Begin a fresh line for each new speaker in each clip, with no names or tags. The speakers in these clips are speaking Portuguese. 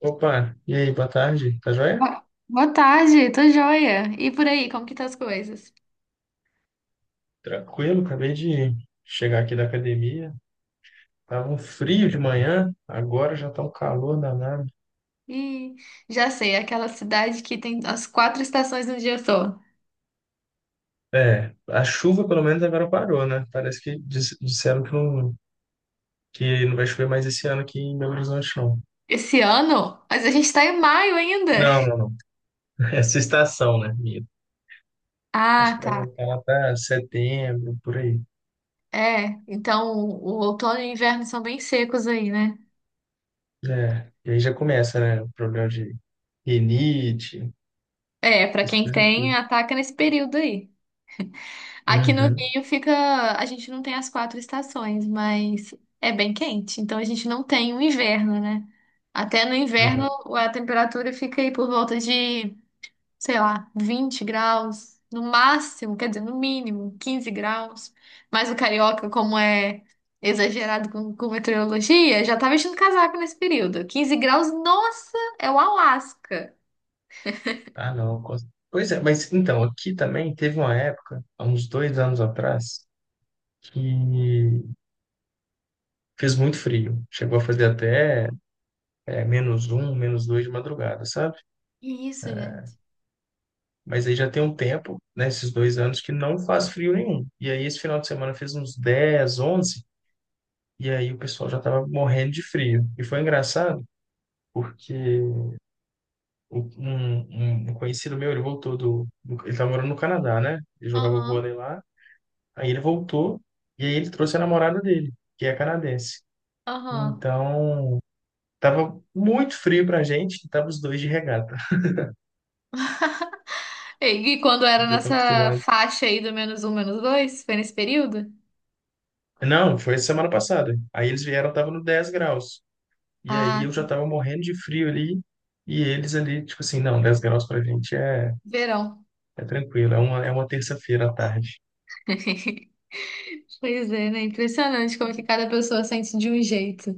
Opa, e aí, boa tarde, tá joia?
Boa tarde, tô joia. E por aí, como que tá as coisas?
Tranquilo, acabei de chegar aqui da academia. Tava um frio de manhã, agora já tá um calor danado.
Ih, já sei, é aquela cidade que tem as quatro estações no dia só.
É, a chuva pelo menos agora parou, né? Parece que disseram que não vai chover mais esse ano aqui em Belo Horizonte, não.
Esse ano? Mas a gente tá em maio ainda.
Não, não, não. Essa estação, né, minha? Acho
Ah,
que vai
tá.
voltar lá para setembro, por aí.
É, então o outono e o inverno são bem secos aí, né?
É, e aí já começa, né? O problema de rinite,
É, pra
essas
quem
coisas
tem,
tudo.
ataca nesse período aí. Aqui no
Uhum.
Rio fica. A gente não tem as quatro estações, mas é bem quente. Então a gente não tem o inverno, né? Até no inverno
Aham.
a temperatura fica aí por volta de, sei lá, 20 graus. No máximo, quer dizer, no mínimo, 15 graus. Mas o carioca, como é exagerado com meteorologia, já tá vestindo casaco nesse período. 15 graus, nossa, é o Alasca.
Ah, não. Pois é, mas então, aqui também teve uma época, há uns 2 anos atrás, que fez muito frio. Chegou a fazer até menos um, menos dois de madrugada, sabe?
Isso, gente?
Mas aí já tem um tempo, né, esses 2 anos, que não faz frio nenhum. E aí esse final de semana fez uns 10, 11, e aí o pessoal já tava morrendo de frio. E foi engraçado, porque o- um, um conhecido meu, ele voltou ele tá morando no Canadá, né? Ele jogava
Aham,
vôlei lá. Aí ele voltou e aí ele trouxe a namorada dele, que é canadense.
aham.
Então, tava muito frio pra gente, e tava os dois de regata.
E quando era
Eles já estão
nessa
acostumados.
faixa aí do menos um, menos dois? Foi nesse período?
Não, foi semana passada. Aí eles vieram, tava no 10 graus. E aí
Ah,
eu já tava morrendo de frio ali. E eles ali, tipo assim, não, 10 graus pra gente é,
verão.
é tranquilo, é uma terça-feira à tarde.
Pois é, né? Impressionante como que cada pessoa sente de um jeito.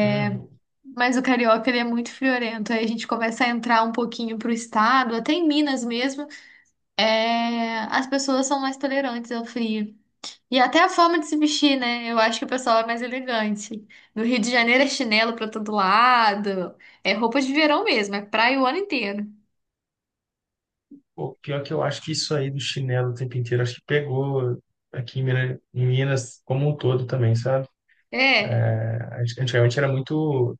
Uhum.
Mas o carioca, ele é muito friorento. Aí a gente começa a entrar um pouquinho pro estado, até em Minas mesmo, é... as pessoas são mais tolerantes ao frio. E até a forma de se vestir, né? Eu acho que o pessoal é mais elegante. No Rio de Janeiro é chinelo pra todo lado, é roupa de verão mesmo, é praia o ano inteiro.
Pô, pior que eu acho que isso aí do chinelo o tempo inteiro, acho que pegou aqui em Minas como um todo também, sabe?
É.
Antigamente era muito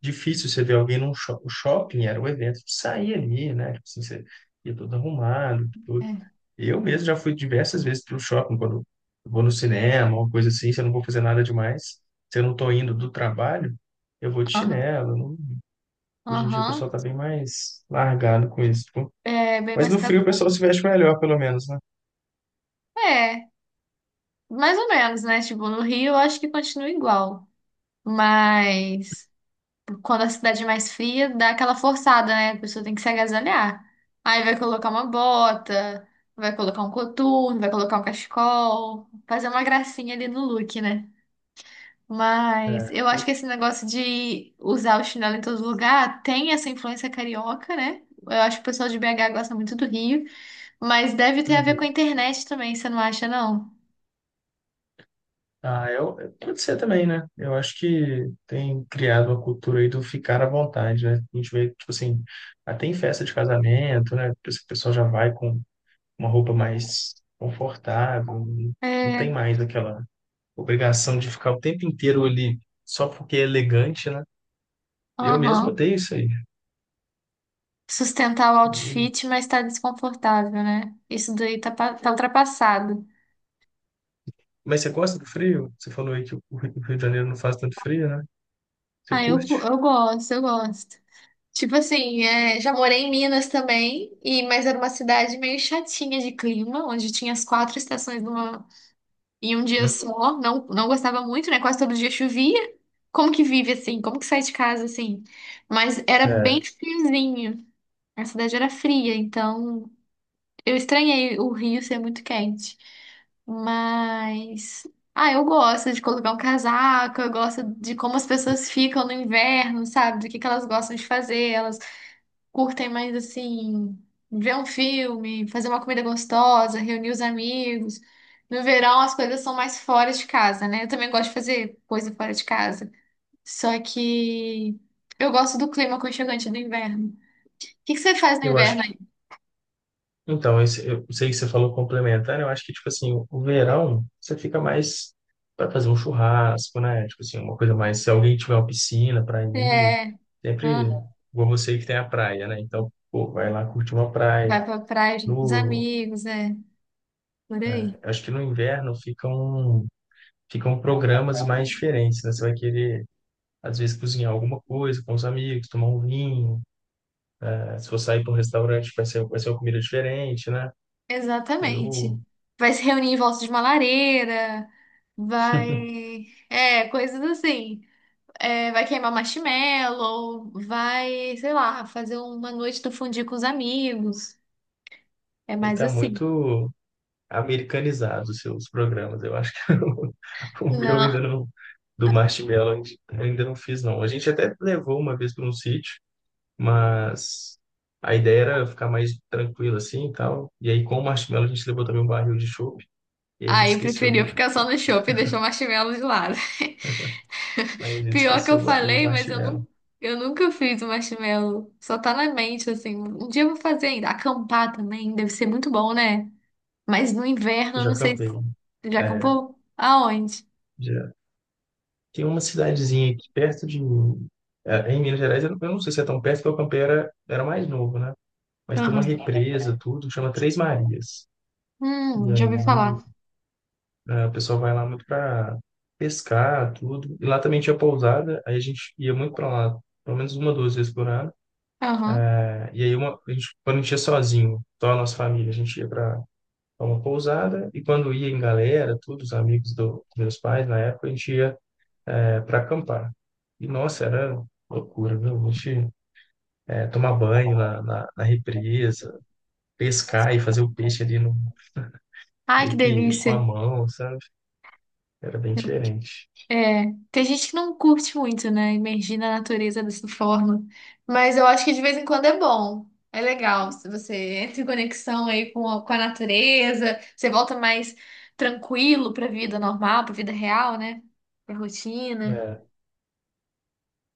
difícil você ver alguém num shopping. O shopping era o evento de sair ali, né? Tipo assim, você ia todo arrumado, tudo.
É.
Eu mesmo já fui diversas vezes para o shopping, quando eu vou no cinema, uma coisa assim, se eu não vou fazer nada demais, se eu não estou indo do trabalho, eu vou de
Aham.
chinelo. Hoje em dia o
Aham,
pessoal tá bem mais largado com isso, tipo.
é bem
Mas
mais
no
caro.
frio o pessoal se veste melhor, pelo menos, né?
É, mais ou menos, né? Tipo, no Rio eu acho que continua igual. Mas quando a cidade é mais fria, dá aquela forçada, né? A pessoa tem que se agasalhar. Aí vai colocar uma bota, vai colocar um coturno, vai colocar um cachecol, fazer uma gracinha ali no look, né? Mas
É.
eu acho que esse negócio de usar o chinelo em todo lugar tem essa influência carioca, né? Eu acho que o pessoal de BH gosta muito do Rio. Mas deve ter a ver com a
Uhum.
internet também, você não acha, não?
Ah, eu, pode ser também, né? Eu acho que tem criado uma cultura aí do ficar à vontade, né? A gente vê, tipo assim, até em festa de casamento, né? Esse pessoal já vai com uma roupa mais confortável, não
É,
tem mais aquela obrigação de ficar o tempo inteiro ali só porque é elegante, né? Eu mesmo
aham.
odeio isso aí.
Sustentar o
Eu-
outfit, mas tá desconfortável, né? Isso daí tá, tá ultrapassado.
Mas você gosta do frio? Você falou aí que o Rio de Janeiro não faz tanto frio, né? Você
Ah, eu,
curte?
eu gosto, eu gosto. Tipo assim, é, já morei em Minas também, e mas era uma cidade meio chatinha de clima, onde tinha as quatro estações em um dia
Uhum.
só. Não, não gostava muito, né? Quase todo dia chovia. Como que vive assim? Como que sai de casa assim? Mas era bem
É,
friozinho. A cidade era fria, então. Eu estranhei o Rio ser muito quente, mas ah, eu gosto de colocar um casaco, eu gosto de como as pessoas ficam no inverno, sabe? Do que elas gostam de fazer, elas curtem mais assim, ver um filme, fazer uma comida gostosa, reunir os amigos. No verão as coisas são mais fora de casa, né? Eu também gosto de fazer coisa fora de casa. Só que eu gosto do clima aconchegante do inverno. O que que você faz no
eu acho.
inverno aí?
Então, esse, eu sei que você falou complementar, eu acho que, tipo assim, o verão, você fica mais para fazer um churrasco, né? Tipo assim, uma coisa mais. Se alguém tiver uma piscina para ir,
É.
sempre igual você que tem a praia, né? Então, pô, vai lá curtir uma praia.
Vai pra praia junto com os
No,
amigos, é. Por aí.
acho que no inverno ficam, ficam programas mais diferentes, né? Você vai querer, às vezes, cozinhar alguma coisa com os amigos, tomar um vinho, né? Se for sair para um restaurante, vai ser uma comida diferente, né? Eu.
Exatamente. Vai se reunir em volta de uma lareira, vai. É, coisas assim. É, vai queimar marshmallow, vai, sei lá, fazer uma noite do fundir com os amigos. É
Aí
mais
tá
assim.
muito americanizado os seus programas. Eu acho que o meu ainda
Não.
não, do Marshmallow, eu ainda não fiz, não. A gente até levou uma vez para um sítio, mas a ideia era ficar mais tranquilo assim e tal. E aí, com o Marshmallow, a gente levou também um barril de chopp, e aí a gente
Aí
esqueceu
preferiu
do.
ficar só no shopping e deixou o marshmallow de lado.
Aí a gente
Pior que eu
esqueceu o
falei, mas eu
Marshmallow.
não, eu nunca fiz o marshmallow. Só tá na mente, assim. Um dia eu vou fazer ainda. Acampar também deve ser muito bom, né? Mas no inverno,
Eu
eu
já
não sei se.
campei, né?
Já
É,
acampou? Aonde?
já. Tem uma cidadezinha aqui perto de mim. É, em Minas Gerais, eu não sei se é tão perto, porque o campei era mais novo, né? Mas tem uma
Aham.
represa, tudo, que chama Três Marias. E
Já
aí
ouvi falar.
a pessoa vai lá muito para pescar, tudo. E lá também tinha pousada, aí a gente ia muito para lá, pelo menos uma, duas vezes por ano.
Aham.
É. E aí a gente, quando a gente ia sozinho, só a nossa família, a gente ia para uma pousada e quando ia em galera, todos os amigos do, dos meus pais na época, a gente ia para acampar. E nossa, era loucura, viu? A gente é, tomar banho na represa, pescar e fazer o peixe ali no,
Ai, que
meio que com
delícia.
a mão, sabe? Era bem
Eu-
diferente.
é, tem gente que não curte muito, né? Imergir na natureza dessa forma. Mas eu acho que de vez em quando é bom. É legal. Se você entra em conexão aí com a natureza, você volta mais tranquilo pra vida normal, pra vida real, né? Pra rotina.
É.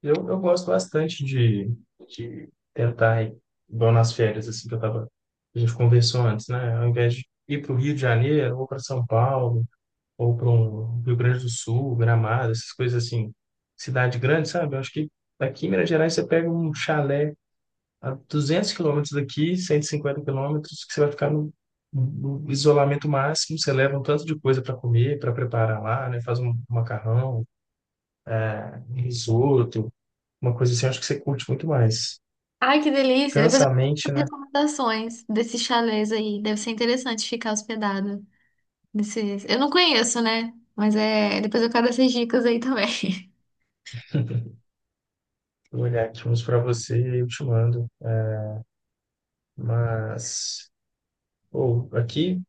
Eu gosto bastante de tentar ir, igual nas férias, assim, que eu tava, a gente conversou antes, né? Ao invés de ir para o Rio de Janeiro, ou para São Paulo, ou para um Rio Grande do Sul, Gramado, essas coisas assim, cidade grande, sabe? Eu acho que aqui em Minas Gerais você pega um chalé a 200 km daqui, 150 km, que você vai ficar no, no isolamento máximo, você leva um tanto de coisa para comer, para preparar lá, né? Faz um macarrão, um risoto, uma coisa assim, eu acho que você curte muito mais.
Ai, que delícia. Depois
Cansa
eu
a mente,
vou fazer
né?
as recomendações desses chalés aí. Deve ser interessante ficar hospedado. Desses... Eu não conheço, né? Mas é. Depois eu quero essas dicas aí também.
Eu vou olhar aqui uns para você e eu te mando. Mas, ou aqui,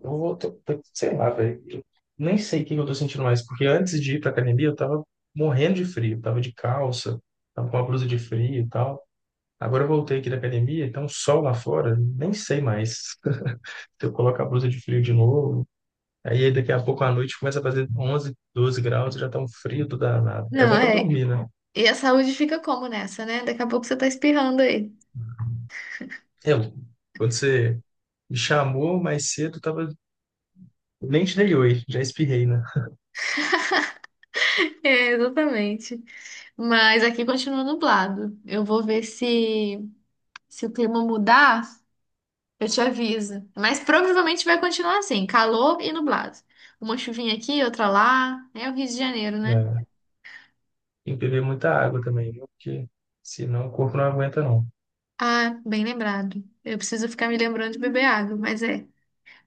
eu vou, sei lá, velho. Eu nem sei o que que eu tô sentindo mais, porque antes de ir pra academia eu tava morrendo de frio, tava de calça, tava com uma blusa de frio e tal. Agora eu voltei aqui da academia, então um sol lá fora, nem sei mais. Se eu coloco a blusa de frio de novo, aí daqui a pouco à noite começa a fazer 11, 12 graus, já tá um frio do danado. É
Não,
bom pra
é.
dormir, né?
E a saúde fica como nessa, né? Daqui a pouco você tá espirrando aí.
Eu, quando você me chamou mais cedo, tava. Nem te dei oi, já espirrei, né?
É, exatamente. Mas aqui continua nublado. Eu vou ver se o clima mudar, eu te aviso. Mas provavelmente vai continuar assim, calor e nublado. Uma chuvinha aqui, outra lá. É o Rio de Janeiro, né?
É, tem que beber muita água também, viu? Porque senão o corpo não aguenta, não.
Ah, bem lembrado. Eu preciso ficar me lembrando de beber água, mas é.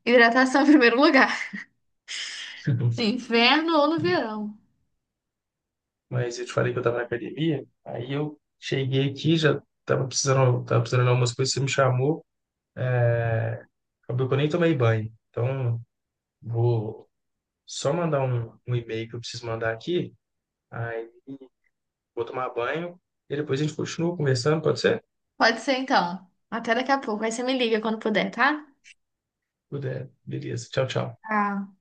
Hidratação em primeiro lugar. Inverno ou no verão.
Mas eu te falei que eu tava na academia, aí eu cheguei aqui, já tava precisando de algumas coisas, você me chamou, acabou que eu nem tomei banho. Então, vou só mandar um e-mail que eu preciso mandar aqui, aí vou tomar banho e depois a gente continua conversando, pode ser?
Pode ser então. Até daqui a pouco. Aí você me liga quando puder, tá?
Puder. Beleza, tchau, tchau.
Tá.